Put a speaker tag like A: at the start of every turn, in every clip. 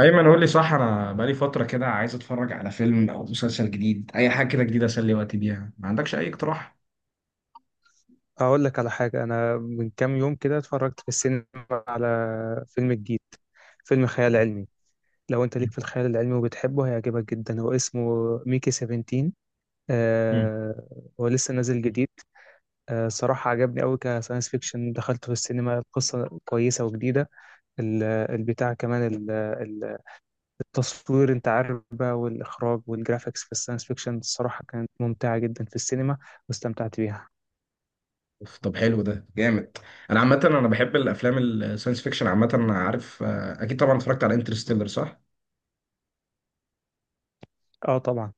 A: ايمن، قول لي صح، انا بقالي فتره كده عايز اتفرج على فيلم او مسلسل جديد، اي حاجه كده جديده اسلي وقتي بيها. ما عندكش اي اقتراح؟
B: اقول لك على حاجه، انا من كام يوم كده اتفرجت في السينما على فيلم جديد، فيلم خيال علمي. لو انت ليك في الخيال العلمي وبتحبه هيعجبك جدا. هو اسمه ميكي 17.
A: مم.
B: آه هو لسه نازل جديد. صراحه عجبني قوي كساينس فيكشن، دخلته في السينما. القصه كويسه وجديده. البتاع كمان التصوير، انت عارف بقى، والاخراج والجرافيكس في الساينس فيكشن الصراحه كانت ممتعه جدا في السينما، واستمتعت بيها.
A: أوف، طب حلو، ده جامد. انا عامه انا بحب الافلام الساينس فيكشن. عامه انا عارف، اكيد طبعا اتفرجت على انترستيلر، صح؟
B: اه طبعا.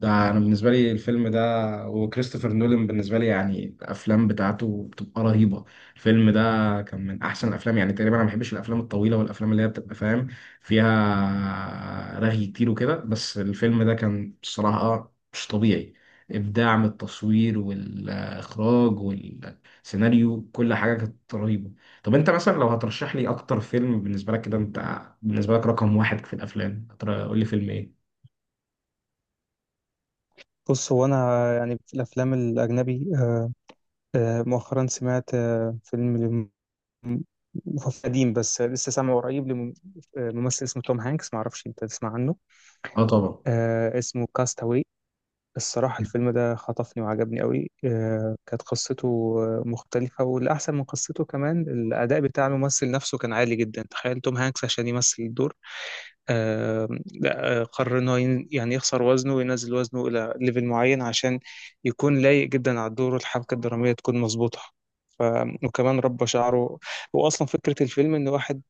A: ده انا بالنسبه لي الفيلم ده. وكريستوفر نولان بالنسبه لي يعني الافلام بتاعته بتبقى رهيبه. الفيلم ده كان من احسن الافلام يعني تقريبا. انا ما بحبش الافلام الطويله والافلام اللي هي بتبقى، فاهم، فيها رغي كتير وكده. بس الفيلم ده كان بصراحه مش طبيعي. ابداع من التصوير والاخراج والسيناريو، كل حاجه كانت رهيبه. طب انت مثلا لو هترشح لي اكتر فيلم بالنسبه لك كده، انت بالنسبه لك رقم واحد في الافلام، قول لي فيلم ايه؟
B: بص، هو انا يعني في الافلام الاجنبي، مؤخرا سمعت فيلم، هو قديم بس لسه سامعه قريب، لممثل اسمه توم هانكس، ما اعرفش انت تسمع عنه.
A: اه طبعا.
B: اسمه كاستاوي. الصراحة الفيلم ده خطفني وعجبني قوي، كانت قصته مختلفة، والأحسن من قصته كمان الأداء بتاع الممثل نفسه كان عالي جدا. تخيل توم هانكس عشان يمثل الدور، آه، لا، قرر إن هو يعني يخسر وزنه وينزل وزنه إلى ليفل معين، عشان يكون لايق جدا على الدور والحبكة الدرامية تكون مظبوطة. ف... وكمان ربى شعره. وأصلا فكرة الفيلم إن واحد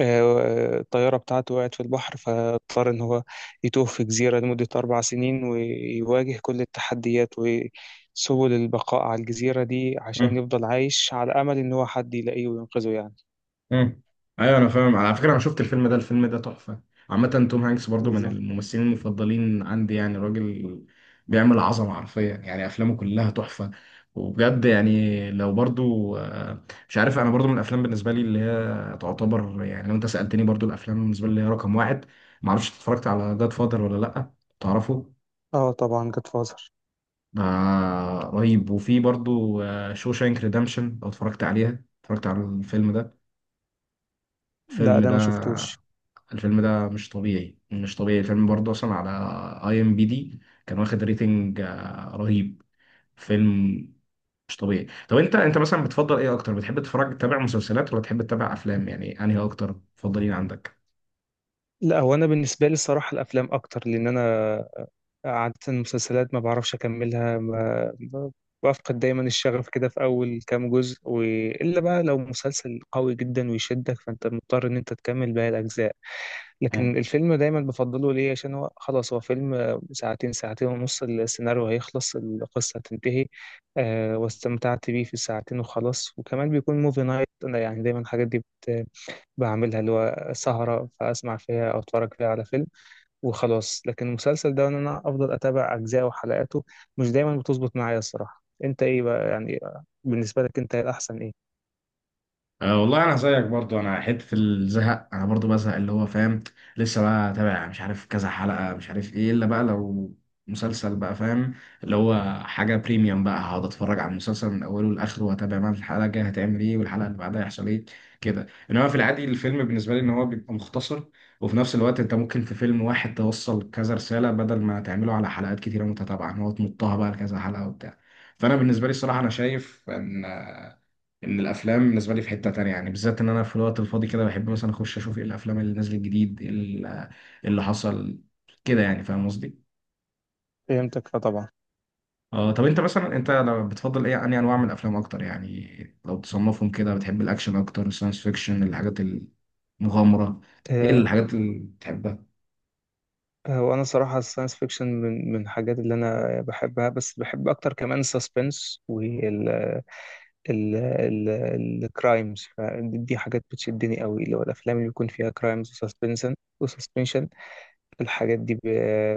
B: الطيارة بتاعته وقعت في البحر، فاضطر إن هو يتوه في جزيرة لمدة أربع سنين ويواجه كل التحديات وسبل البقاء على الجزيرة دي، عشان يفضل عايش على أمل إن هو حد يلاقيه وينقذه يعني.
A: امم. ايوه انا فاهم. على فكره انا شفت الفيلم ده، الفيلم ده تحفه. عامه توم هانكس برضو من
B: بالظبط.
A: الممثلين المفضلين عندي، يعني راجل بيعمل عظمه حرفيا، يعني افلامه كلها تحفه. وبجد يعني لو برضو مش عارف، انا برضو من الافلام بالنسبه لي اللي هي تعتبر، يعني لو انت سالتني برضو الافلام بالنسبه لي اللي هي رقم واحد. معرفش اتفرجت على جاد فادر ولا لا. تعرفه؟
B: اه طبعا جاد فازر.
A: ده رهيب. وفي برضو شوشانك ريدمشن، لو اتفرجت عليها، اتفرجت على الفيلم ده؟
B: ده
A: الفيلم
B: ده
A: ده
B: ما شفتوش.
A: الفيلم ده مش طبيعي، مش طبيعي. الفيلم برضه اصلا على IMDB كان واخد ريتنج رهيب. فيلم مش طبيعي. طب انت مثلا بتفضل ايه اكتر؟ بتحب تتفرج، تتابع مسلسلات ولا تحب تتابع افلام؟ يعني انهي اكتر بتفضلين عندك؟
B: لا، هو انا بالنسبه لي الصراحه الافلام اكتر، لان انا عاده المسلسلات ما بعرفش اكملها، ما ب- بفقد دايما الشغف كده في اول كام جزء. والا بقى لو مسلسل قوي جدا ويشدك، فانت مضطر ان انت تكمل باقي الاجزاء. لكن الفيلم دايما بفضله ليه، عشان هو خلاص هو فيلم ساعتين، ساعتين ونص، السيناريو هيخلص، القصه هتنتهي، واستمتعت بيه في الساعتين وخلاص. وكمان بيكون موفي نايت، انا يعني دايما الحاجات دي بعملها، اللي هو سهرة فأسمع فيها أو أتفرج فيها على فيلم وخلاص. لكن المسلسل ده، إن أنا أفضل أتابع أجزاءه وحلقاته مش دايما بتظبط معايا الصراحة. أنت إيه بقى يعني، بالنسبة لك أنت الأحسن إيه؟
A: أه والله انا زيك برضو، انا حته الزهق انا برضو بزهق، اللي هو فاهم. لسه بقى تابع مش عارف كذا حلقه، مش عارف ايه. الا بقى لو مسلسل بقى، فاهم، اللي هو حاجه بريميوم بقى، هقعد اتفرج على المسلسل من اوله لاخره واتابع بقى الحلقه الجايه هتعمل ايه والحلقه اللي بعدها هيحصل ايه كده. انما في العادي الفيلم بالنسبه لي ان هو بيبقى مختصر، وفي نفس الوقت انت ممكن في فيلم واحد توصل كذا رساله، بدل ما تعمله على حلقات كتيره متتابعه ان هو تمطها بقى لكذا حلقه وبتاع. فانا بالنسبه لي الصراحه انا شايف ان الافلام بالنسبه لي في حته تانية، يعني بالذات ان انا في الوقت الفاضي كده بحب مثلا اخش اشوف ايه الافلام اللي نازله جديد. إيه إيه اللي حصل كده، يعني فاهم قصدي.
B: فهمتك فطبعا.
A: اه طب انت مثلا، انت لو بتفضل ايه؟ انهي انواع من الافلام اكتر، يعني لو تصنفهم كده، بتحب الاكشن اكتر، الساينس فيكشن، الحاجات المغامره، ايه
B: آه،
A: الحاجات اللي بتحبها؟
B: هو انا صراحه الساينس فيكشن من الحاجات اللي انا بحبها، بس بحب اكتر كمان السسبنس وال ال ال الكرايمز. فدي حاجات بتشدني قوي، اللي هو الافلام اللي بيكون فيها كرايمز وسسبنشن. الحاجات دي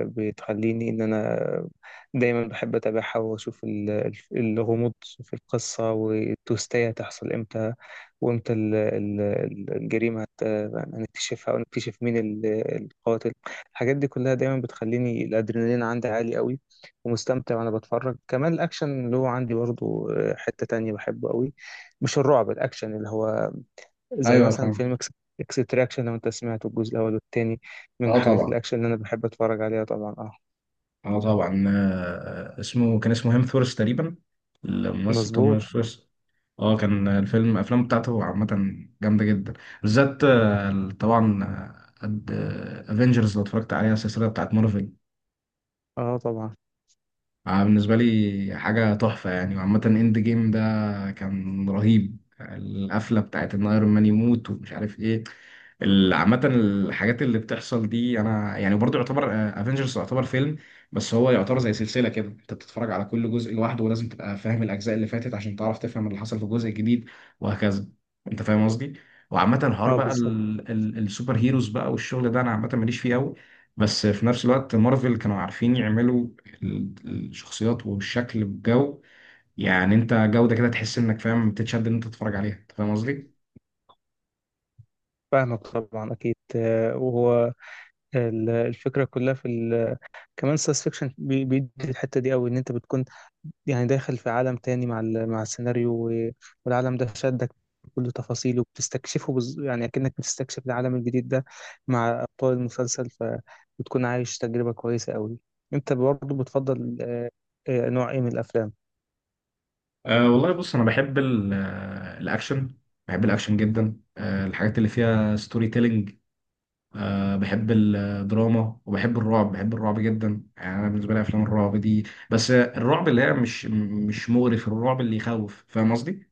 B: بتخليني إن أنا دايما بحب أتابعها وأشوف الغموض في القصة، والتوستاية هتحصل إمتى، وإمتى الجريمة هنكتشفها، ونكتشف مين القاتل. الحاجات دي كلها دايما بتخليني الأدرينالين عندي عالي قوي ومستمتع وأنا بتفرج. كمان الأكشن اللي هو عندي برضه حتة تانية بحبه قوي، مش الرعب، الأكشن اللي هو زي
A: ايوه
B: مثلا
A: فاهم.
B: فيلم اكستراكشن، لو انت سمعته الجزء الاول والتاني، من
A: اه
B: حاجات
A: طبعا.
B: الاكشن اللي انا بحب اتفرج عليها طبعا. اه.
A: اه طبعا، اسمه كان اسمه هيمثورث تقريبا. الممثل توم
B: مظبوط.
A: هيمثورث. اه كان الفيلم، الافلام بتاعته عامه جامده جدا. بالذات طبعا افنجرز، لو اتفرجت عليها السلسله بتاعت مارفل،
B: اه طبعا.
A: بالنسبة لي حاجة تحفة يعني. وعامة اند جيم ده كان رهيب، القفلة بتاعت ان ايرون مان يموت ومش عارف ايه. عامة الحاجات اللي بتحصل دي، انا يعني برضو يعتبر افنجرز يعتبر فيلم. بس هو يعتبر زي سلسلة كده، انت بتتفرج على كل جزء لوحده، ولازم تبقى فاهم الاجزاء اللي فاتت عشان تعرف تفهم اللي حصل في الجزء الجديد، وهكذا. انت فاهم قصدي؟ وعامة الحوار
B: اه
A: بقى
B: بالظبط.
A: السوبر هيروز بقى والشغل ده، انا عامة ماليش فيه قوي. بس في نفس الوقت مارفل كانوا عارفين يعملوا الشخصيات والشكل والجو، يعني انت جودة كده تحس انك فاهم، بتتشد ان انت تتفرج عليها. انت فاهم قصدي؟
B: فاهمك طبعا اكيد. وهو الفكره كلها كمان ساينس فيكشن بيدي الحته دي قوي، ان انت بتكون يعني داخل في عالم تاني مع مع السيناريو والعالم ده شدك بكل تفاصيله، بتستكشفه يعني أكنك بتستكشف العالم الجديد ده مع أبطال المسلسل، فبتكون عايش تجربة كويسة أوي. أنت برضه بتفضل نوع إيه من الأفلام؟
A: أه والله بص، انا بحب الاكشن. بحب الاكشن جدا. أه الحاجات اللي فيها ستوري تيلينج، أه بحب الدراما، وبحب الرعب. بحب الرعب جدا، يعني انا بالنسبه لي افلام الرعب دي. بس الرعب اللي هي مش مغري، في الرعب اللي يخوف، فاهم قصدي؟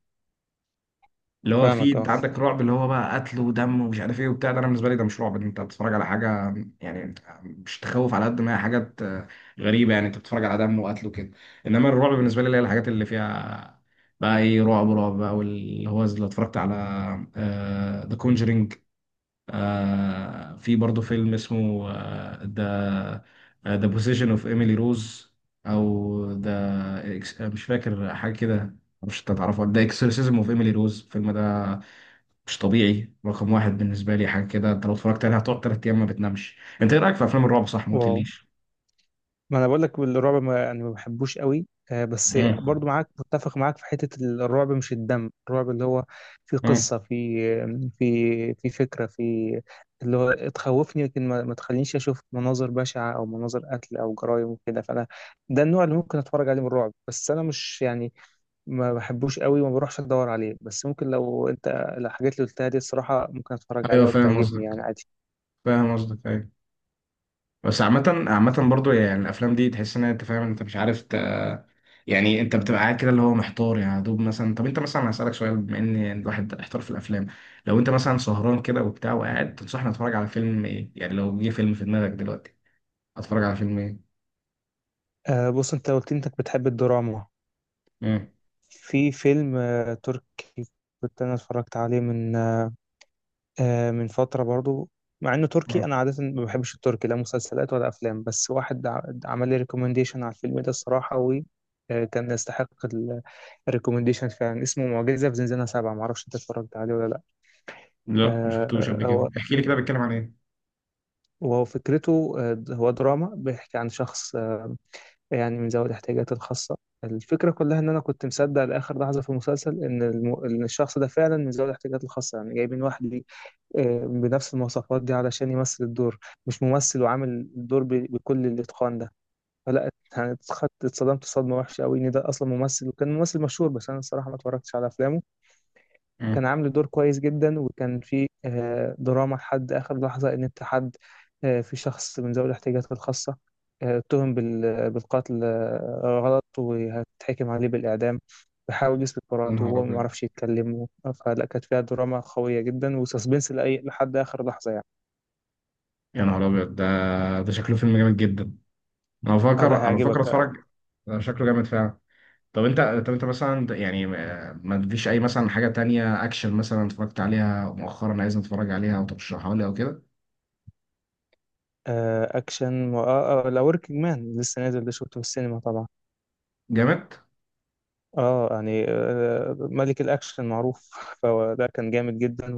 A: اللي هو فيه
B: فاهمك أه.
A: انت عندك رعب اللي هو بقى قتل ودم ومش عارف ايه وبتاع، ده انا بالنسبه لي ده مش رعب، انت بتتفرج على حاجه يعني مش تخوف، على قد ما هي حاجات غريبه، يعني انت بتتفرج على دم وقتل وكده. انما الرعب بالنسبه لي اللي هي الحاجات اللي فيها بقى ايه، رعب رعب بقى، واللي هو لو اتفرجت على ذا كونجرينج. في برضه فيلم اسمه ذا ذا بوسيشن اوف ايميلي روز، او ذا مش فاكر حاجه كده، مش هتعرفه، ذا اكسورسيزم اوف ايميلي روز. الفيلم ده مش طبيعي، رقم واحد بالنسبة لي، حاجة كده انت لو اتفرجت عليها هتقعد 3 أيام ما بتنامش. انت ايه رأيك في أفلام الرعب؟ صح ما
B: واو،
A: قلتليش.
B: ما انا بقول لك الرعب ما يعني ما بحبوش قوي، بس
A: مم.
B: برضو معاك، متفق معاك في حتة الرعب مش الدم، الرعب اللي هو في
A: مم.
B: قصة، في فكرة، في اللي هو تخوفني، لكن ما تخلينيش اشوف مناظر بشعة او مناظر قتل او جرائم وكده. فانا ده النوع اللي ممكن اتفرج عليه من الرعب، بس انا مش يعني، ما بحبوش قوي وما بروحش ادور عليه. بس ممكن لو انت الحاجات اللي قلتها دي الصراحة ممكن اتفرج
A: ايوه
B: عليها
A: فاهم
B: وتعجبني
A: قصدك،
B: يعني عادي.
A: فاهم قصدك، ايوه. بس عامة، عامة برضو يعني الأفلام دي تحس إن أنت فاهم، أنت مش عارف يعني أنت بتبقى قاعد كده اللي هو محتار، يعني يا دوب مثلا. طب أنت مثلا هسألك سؤال، بما إن يعني الواحد احتار في الأفلام، لو أنت مثلا سهران كده وبتاع وقاعد، تنصحني أتفرج على فيلم إيه؟ يعني لو جه فيلم في دماغك دلوقتي، أتفرج على فيلم إيه؟
B: بص، انت قلت انك بتحب الدراما،
A: مم.
B: في فيلم تركي كنت انا اتفرجت عليه من فترة برضو. مع انه
A: مم.
B: تركي، انا عادة ما بحبش التركي، لا مسلسلات ولا افلام، بس واحد عمل لي ريكومنديشن على الفيلم ده الصراحة، وكان يستحق الريكومنديشن فعلا. اسمه معجزة في زنزانة سبعة، معرفش انت اتفرجت عليه ولا لا.
A: لا
B: آه،
A: مشفتوش قبل
B: آه،
A: كده.
B: هو
A: احكي لي كده، بيتكلم عن
B: وهو فكرته، هو دراما بيحكي عن شخص يعني من ذوي الاحتياجات الخاصة. الفكرة كلها إن أنا كنت مصدق لآخر لحظة في المسلسل إن إن الشخص ده فعلا من ذوي الاحتياجات الخاصة، يعني جايبين واحد ليه بنفس المواصفات دي علشان يمثل الدور، مش ممثل وعامل الدور بكل الإتقان ده. فلا، يعني اتصدمت صدمة وحشة أوي إن ده أصلا ممثل، وكان ممثل مشهور بس أنا الصراحة ما اتفرجتش على أفلامه. كان
A: إيه؟
B: عامل دور كويس جدا، وكان في دراما لحد آخر لحظة، إن أنت حد، في شخص من ذوي الاحتياجات الخاصة اتهم بالقتل غلط، وهتحكم عليه بالإعدام، بيحاول يثبت
A: يا
B: براءته
A: نهار
B: وهو ما
A: ابيض،
B: يعرفش يتكلم. فلا كانت فيها دراما قوية جدا وسسبنس لأي لحد آخر لحظة يعني.
A: يا نهار ابيض، ده ده شكله فيلم جامد جدا. انا
B: اه
A: بفكر،
B: لا هيعجبك.
A: اتفرج ده شكله جامد فعلا. طب انت طب انت مثلا يعني، ما تديش اي مثلا حاجه تانية اكشن مثلا اتفرجت عليها مؤخرا، عايز اتفرج عليها او ترشحها لي او كده.
B: أكشن و... آه آه، لا، وركينج مان لسه نازل، ده شفته في السينما طبعا.
A: جامد.
B: اه يعني ملك الأكشن معروف، فده كان جامد جدا.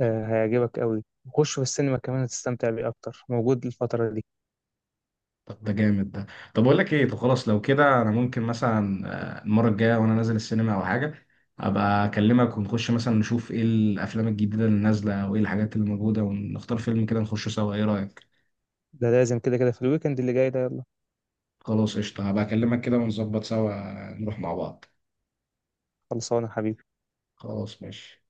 B: هيعجبك قوي، وخش في السينما كمان هتستمتع بيه اكتر، موجود الفترة دي.
A: طب ده جامد ده. طب اقول لك ايه، طب خلاص لو كده انا ممكن مثلا المره الجايه وانا نازل السينما او حاجه، ابقى اكلمك ونخش مثلا نشوف ايه الافلام الجديده اللي نازله وايه الحاجات اللي موجوده، ونختار فيلم كده نخشه سوا، ايه رايك؟
B: ده لازم كده كده في الويكند اللي جاي ده، يلا.
A: خلاص قشطة، هبقى أكلمك كده ونظبط سوا، نروح مع بعض.
B: خلصانة حبيبي.
A: خلاص ماشي.